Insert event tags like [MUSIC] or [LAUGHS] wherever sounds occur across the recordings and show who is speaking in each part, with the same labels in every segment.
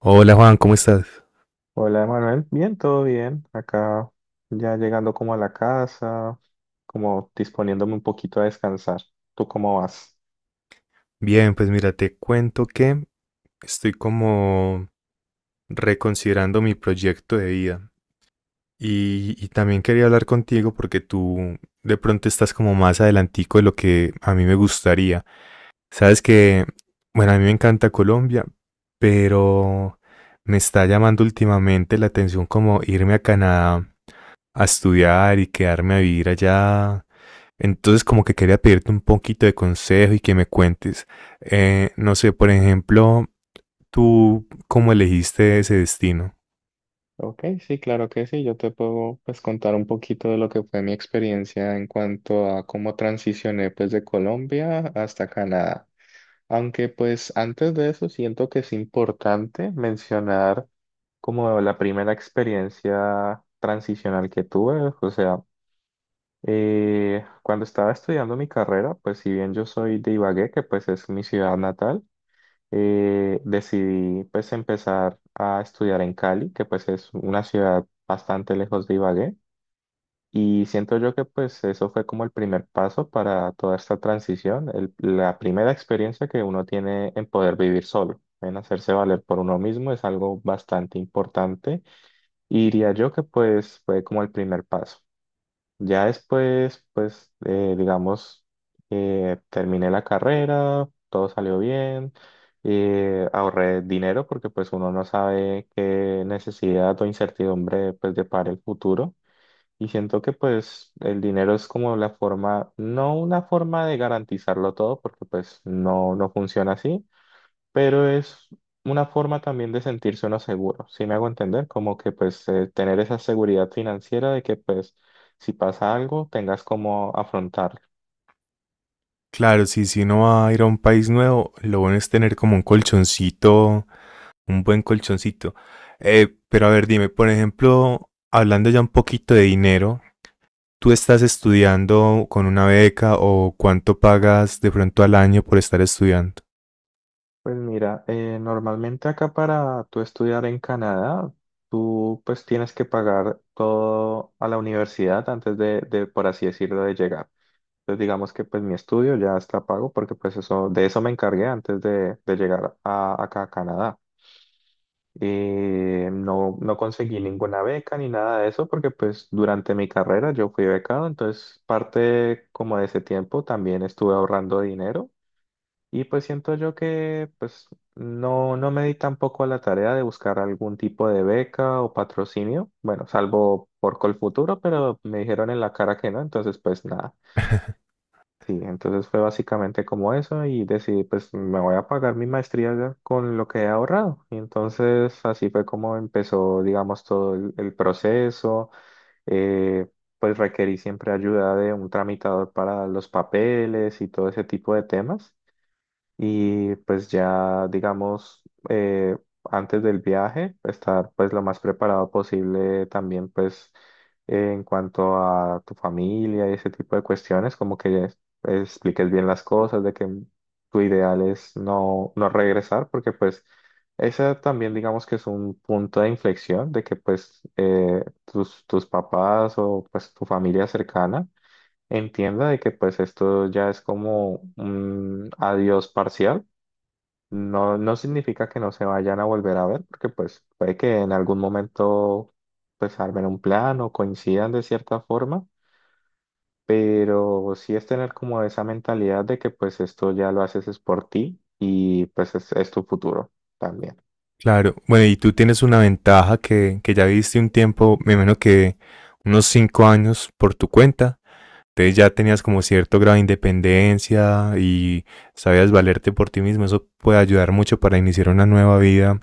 Speaker 1: Hola, Juan, ¿cómo estás?
Speaker 2: Hola, Manuel. Bien, todo bien. Acá ya llegando como a la casa, como disponiéndome un poquito a descansar. ¿Tú cómo vas?
Speaker 1: Bien, pues mira, te cuento que estoy como reconsiderando mi proyecto de vida y también quería hablar contigo porque tú de pronto estás como más adelantico de lo que a mí me gustaría. Sabes que, bueno, a mí me encanta Colombia, pero me está llamando últimamente la atención como irme a Canadá a estudiar y quedarme a vivir allá. Entonces como que quería pedirte un poquito de consejo y que me cuentes, no sé, por ejemplo, tú cómo elegiste ese destino.
Speaker 2: Ok, sí, claro que sí. Yo te puedo pues contar un poquito de lo que fue mi experiencia en cuanto a cómo transicioné pues de Colombia hasta Canadá. Aunque pues antes de eso siento que es importante mencionar como la primera experiencia transicional que tuve, o sea, cuando estaba estudiando mi carrera, pues si bien yo soy de Ibagué, que pues es mi ciudad natal, decidí pues empezar a estudiar en Cali, que pues es una ciudad bastante lejos de Ibagué. Y siento yo que pues eso fue como el primer paso para toda esta transición, la primera experiencia que uno tiene en poder vivir solo, en hacerse valer por uno mismo es algo bastante importante. Y diría yo que pues fue como el primer paso. Ya después, pues, digamos, terminé la carrera, todo salió bien, ahorré dinero porque pues uno no sabe qué necesidad o incertidumbre pues depara el futuro y siento que pues el dinero es como la forma, no una forma de garantizarlo todo porque pues no, no funciona así, pero es una forma también de sentirse uno seguro. ¿Sí me hago entender? Como que pues tener esa seguridad financiera de que pues si pasa algo tengas cómo afrontarlo.
Speaker 1: Claro, si uno va a ir a un país nuevo, lo bueno es tener como un colchoncito, un buen colchoncito. Pero a ver, dime, por ejemplo, hablando ya un poquito de dinero, ¿tú estás estudiando con una beca o cuánto pagas de pronto al año por estar estudiando?
Speaker 2: Pues mira, normalmente acá para tú estudiar en Canadá, tú pues tienes que pagar todo a la universidad antes de, por así decirlo, de llegar. Entonces digamos que pues mi estudio ya está pago porque pues eso, de eso me encargué antes de llegar acá a Canadá. No, no conseguí ninguna beca ni nada de eso porque pues durante mi carrera yo fui becado, entonces parte como de ese tiempo también estuve ahorrando dinero y pues siento yo que pues no, no me di tampoco a la tarea de buscar algún tipo de beca o patrocinio, bueno, salvo por Colfuturo, pero me dijeron en la cara que no, entonces pues nada. Sí, entonces fue básicamente como eso y decidí, pues me voy a pagar mi maestría ya con lo que he ahorrado. Y entonces así fue como empezó, digamos, todo el proceso. Eh, pues requerí siempre ayuda de un tramitador para los papeles y todo ese tipo de temas y pues ya digamos eh, antes del viaje estar pues lo más preparado posible también pues en cuanto a tu familia y ese tipo de cuestiones como que expliques bien las cosas de que tu ideal es no no regresar porque pues esa también digamos que es un punto de inflexión de que pues tus papás o pues tu familia cercana entienda de que pues esto ya es como un adiós parcial. No, no significa que no se vayan a volver a ver, porque pues puede que en algún momento pues armen un plan o coincidan de cierta forma, pero sí es tener como esa mentalidad de que pues esto ya lo haces es por ti y pues es tu futuro también.
Speaker 1: Claro, bueno, y tú tienes una ventaja que ya viviste un tiempo, me imagino que unos 5 años por tu cuenta. Entonces ya tenías como cierto grado de independencia y sabías valerte por ti mismo. Eso puede ayudar mucho para iniciar una nueva vida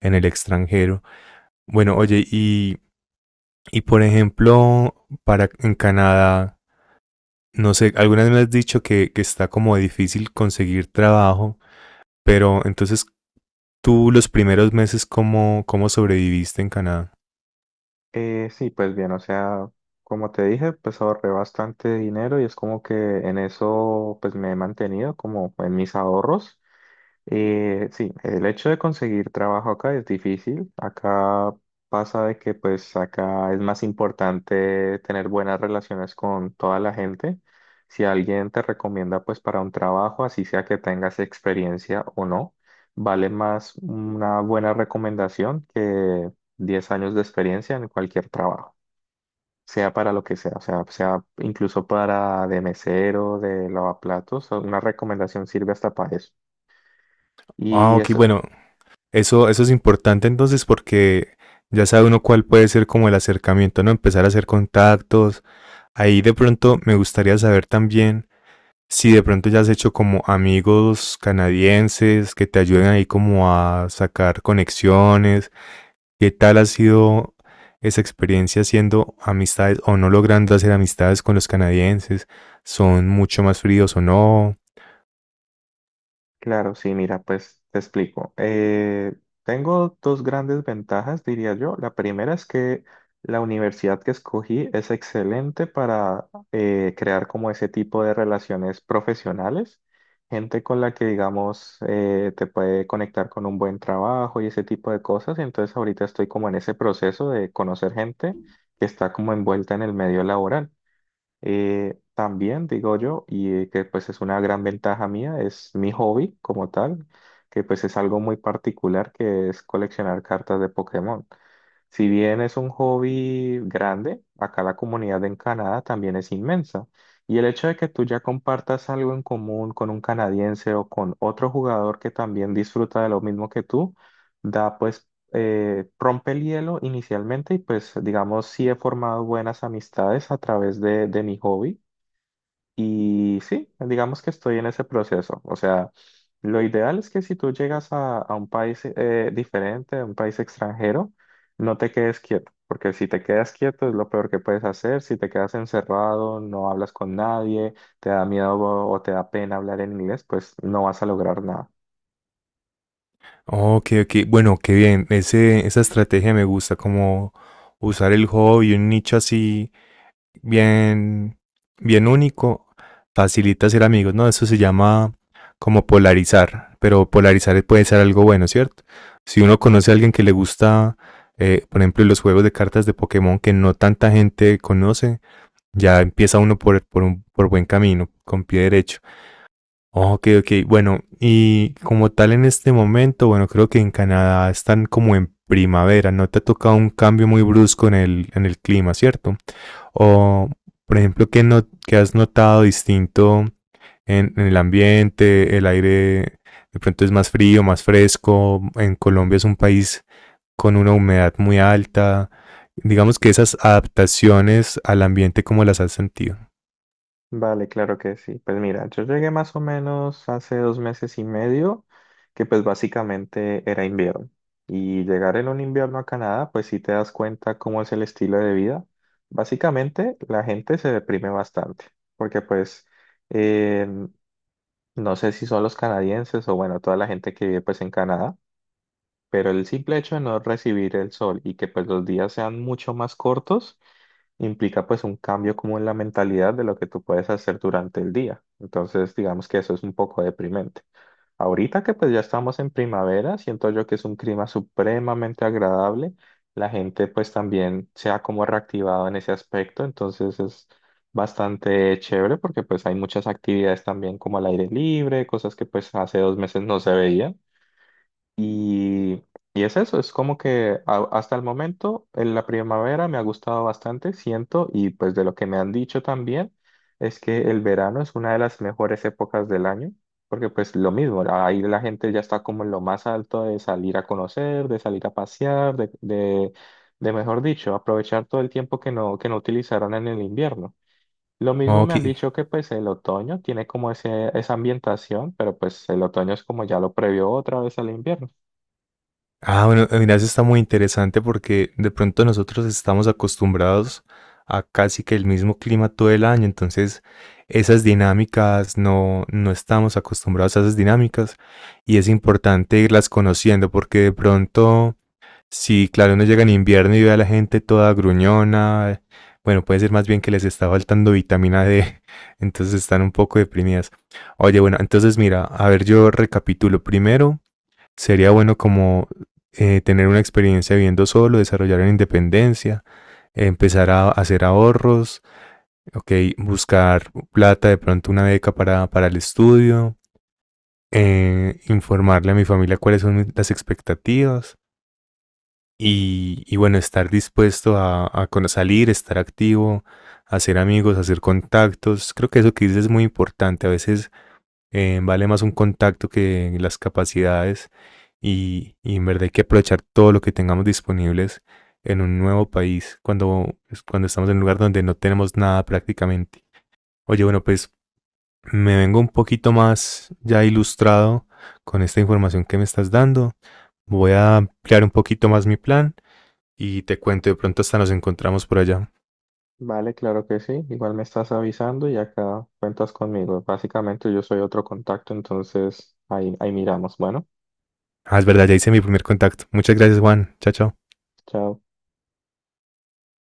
Speaker 1: en el extranjero. Bueno, oye, y por ejemplo, para en Canadá, no sé, alguna vez me has dicho que está como difícil conseguir trabajo, pero entonces tú los primeros meses, ¿cómo sobreviviste en Canadá?
Speaker 2: Sí, pues bien, o sea, como te dije, pues ahorré bastante dinero y es como que en eso pues me he mantenido como en mis ahorros. Sí, el hecho de conseguir trabajo acá es difícil. Acá pasa de que pues acá es más importante tener buenas relaciones con toda la gente. Si alguien te recomienda pues para un trabajo, así sea que tengas experiencia o no, vale más una buena recomendación que 10 años de experiencia en cualquier trabajo, sea para lo que sea, o sea, sea incluso para de mesero, de lavaplatos, una recomendación sirve hasta para eso.
Speaker 1: Ah,
Speaker 2: Y
Speaker 1: ok,
Speaker 2: es,
Speaker 1: bueno, eso es importante entonces porque ya sabe uno cuál puede ser como el acercamiento, ¿no? Empezar a hacer contactos. Ahí de pronto me gustaría saber también si de pronto ya has hecho como amigos canadienses que te ayuden ahí como a sacar conexiones. ¿Qué tal ha sido esa experiencia haciendo amistades o no logrando hacer amistades con los canadienses? ¿Son mucho más fríos o no?
Speaker 2: claro, sí, mira, pues te explico. Tengo dos grandes ventajas, diría yo. La primera es que la universidad que escogí es excelente para crear como ese tipo de relaciones profesionales, gente con la que, digamos, te puede conectar con un buen trabajo y ese tipo de cosas. Entonces ahorita estoy como en ese proceso de conocer gente que está como envuelta en el medio laboral. También digo yo, y que pues es una gran ventaja mía, es mi hobby como tal, que pues es algo muy particular que es coleccionar cartas de Pokémon. Si bien es un hobby grande, acá la comunidad en Canadá también es inmensa. Y el hecho de que tú ya compartas algo en común con un canadiense o con otro jugador que también disfruta de lo mismo que tú, da pues, rompe el hielo inicialmente y pues digamos, sí he formado buenas amistades a través de mi hobby. Y sí, digamos que estoy en ese proceso. O sea, lo ideal es que si tú llegas a un país diferente, a un país extranjero, no te quedes quieto, porque si te quedas quieto es lo peor que puedes hacer. Si te quedas encerrado, no hablas con nadie, te da miedo o te da pena hablar en inglés, pues no vas a lograr nada.
Speaker 1: Oh, ok, ok. Bueno, qué bien. Esa estrategia me gusta, como usar el hobby, un nicho así bien, bien único, facilita ser amigos, ¿no? Eso se llama como polarizar, pero polarizar puede ser algo bueno, ¿cierto? Si uno conoce a alguien que le gusta, por ejemplo, los juegos de cartas de Pokémon que no tanta gente conoce, ya empieza uno por buen camino, con pie derecho. Ok, ok, bueno, y como tal en este momento, bueno, creo que en Canadá están como en primavera, no te ha tocado un cambio muy brusco en en el clima, ¿cierto? O, por ejemplo, ¿qué, no, ¿qué has notado distinto en el ambiente? ¿El aire de pronto es más frío, más fresco? En Colombia es un país con una humedad muy alta. Digamos que esas adaptaciones al ambiente, ¿cómo las has sentido?
Speaker 2: Vale, claro que sí. Pues mira, yo llegué más o menos hace 2 meses y medio, que pues básicamente era invierno. Y llegar en un invierno a Canadá, pues sí te das cuenta cómo es el estilo de vida. Básicamente la gente se deprime bastante, porque pues eh, no sé si son los canadienses o bueno, toda la gente que vive pues en Canadá, pero el simple hecho de no recibir el sol y que pues los días sean mucho más cortos implica pues un cambio como en la mentalidad de lo que tú puedes hacer durante el día. Entonces, digamos que eso es un poco deprimente. Ahorita que pues ya estamos en primavera, siento yo que es un clima supremamente agradable. La gente pues también se ha como reactivado en ese aspecto, entonces es bastante chévere porque pues hay muchas actividades también como al aire libre, cosas que pues hace 2 meses no se veían. Y, y es eso, es como que hasta el momento en la primavera me ha gustado bastante, siento, y pues de lo que me han dicho también, es que el verano es una de las mejores épocas del año, porque pues lo mismo, ahí la gente ya está como en lo más alto de salir a conocer, de salir a pasear, de mejor dicho, aprovechar todo el tiempo que no utilizaron en el invierno. Lo mismo me
Speaker 1: Ok,
Speaker 2: han dicho que pues el otoño tiene como ese, esa ambientación, pero pues el otoño es como ya lo previo otra vez al invierno.
Speaker 1: ah, bueno, mira, eso está muy interesante porque de pronto nosotros estamos acostumbrados a casi que el mismo clima todo el año, entonces esas dinámicas no estamos acostumbrados a esas dinámicas y es importante irlas conociendo porque de pronto, si claro, uno llega en invierno y ve a la gente toda gruñona, bueno, puede ser más bien que les está faltando vitamina D, [LAUGHS] entonces están un poco deprimidas. Oye, bueno, entonces mira, a ver, yo recapitulo primero. Sería bueno como tener una experiencia viviendo solo, desarrollar una independencia, empezar a hacer ahorros, ok, buscar plata, de pronto una beca para el estudio, informarle a mi familia cuáles son las expectativas y bueno, estar dispuesto a salir, estar activo, hacer amigos, hacer contactos. Creo que eso que dices es muy importante. A veces vale más un contacto que las capacidades y en verdad hay que aprovechar todo lo que tengamos disponibles en un nuevo país cuando, pues, cuando estamos en un lugar donde no tenemos nada prácticamente. Oye, bueno, pues me vengo un poquito más ya ilustrado con esta información que me estás dando. Voy a ampliar un poquito más mi plan y te cuento, de pronto hasta nos encontramos por allá.
Speaker 2: Vale, claro que sí. Igual me estás avisando y acá cuentas conmigo. Básicamente yo soy otro contacto, entonces ahí, ahí miramos. Bueno,
Speaker 1: Ah, es verdad, ya hice mi primer contacto. Muchas gracias, Juan. Chao, chao.
Speaker 2: chao.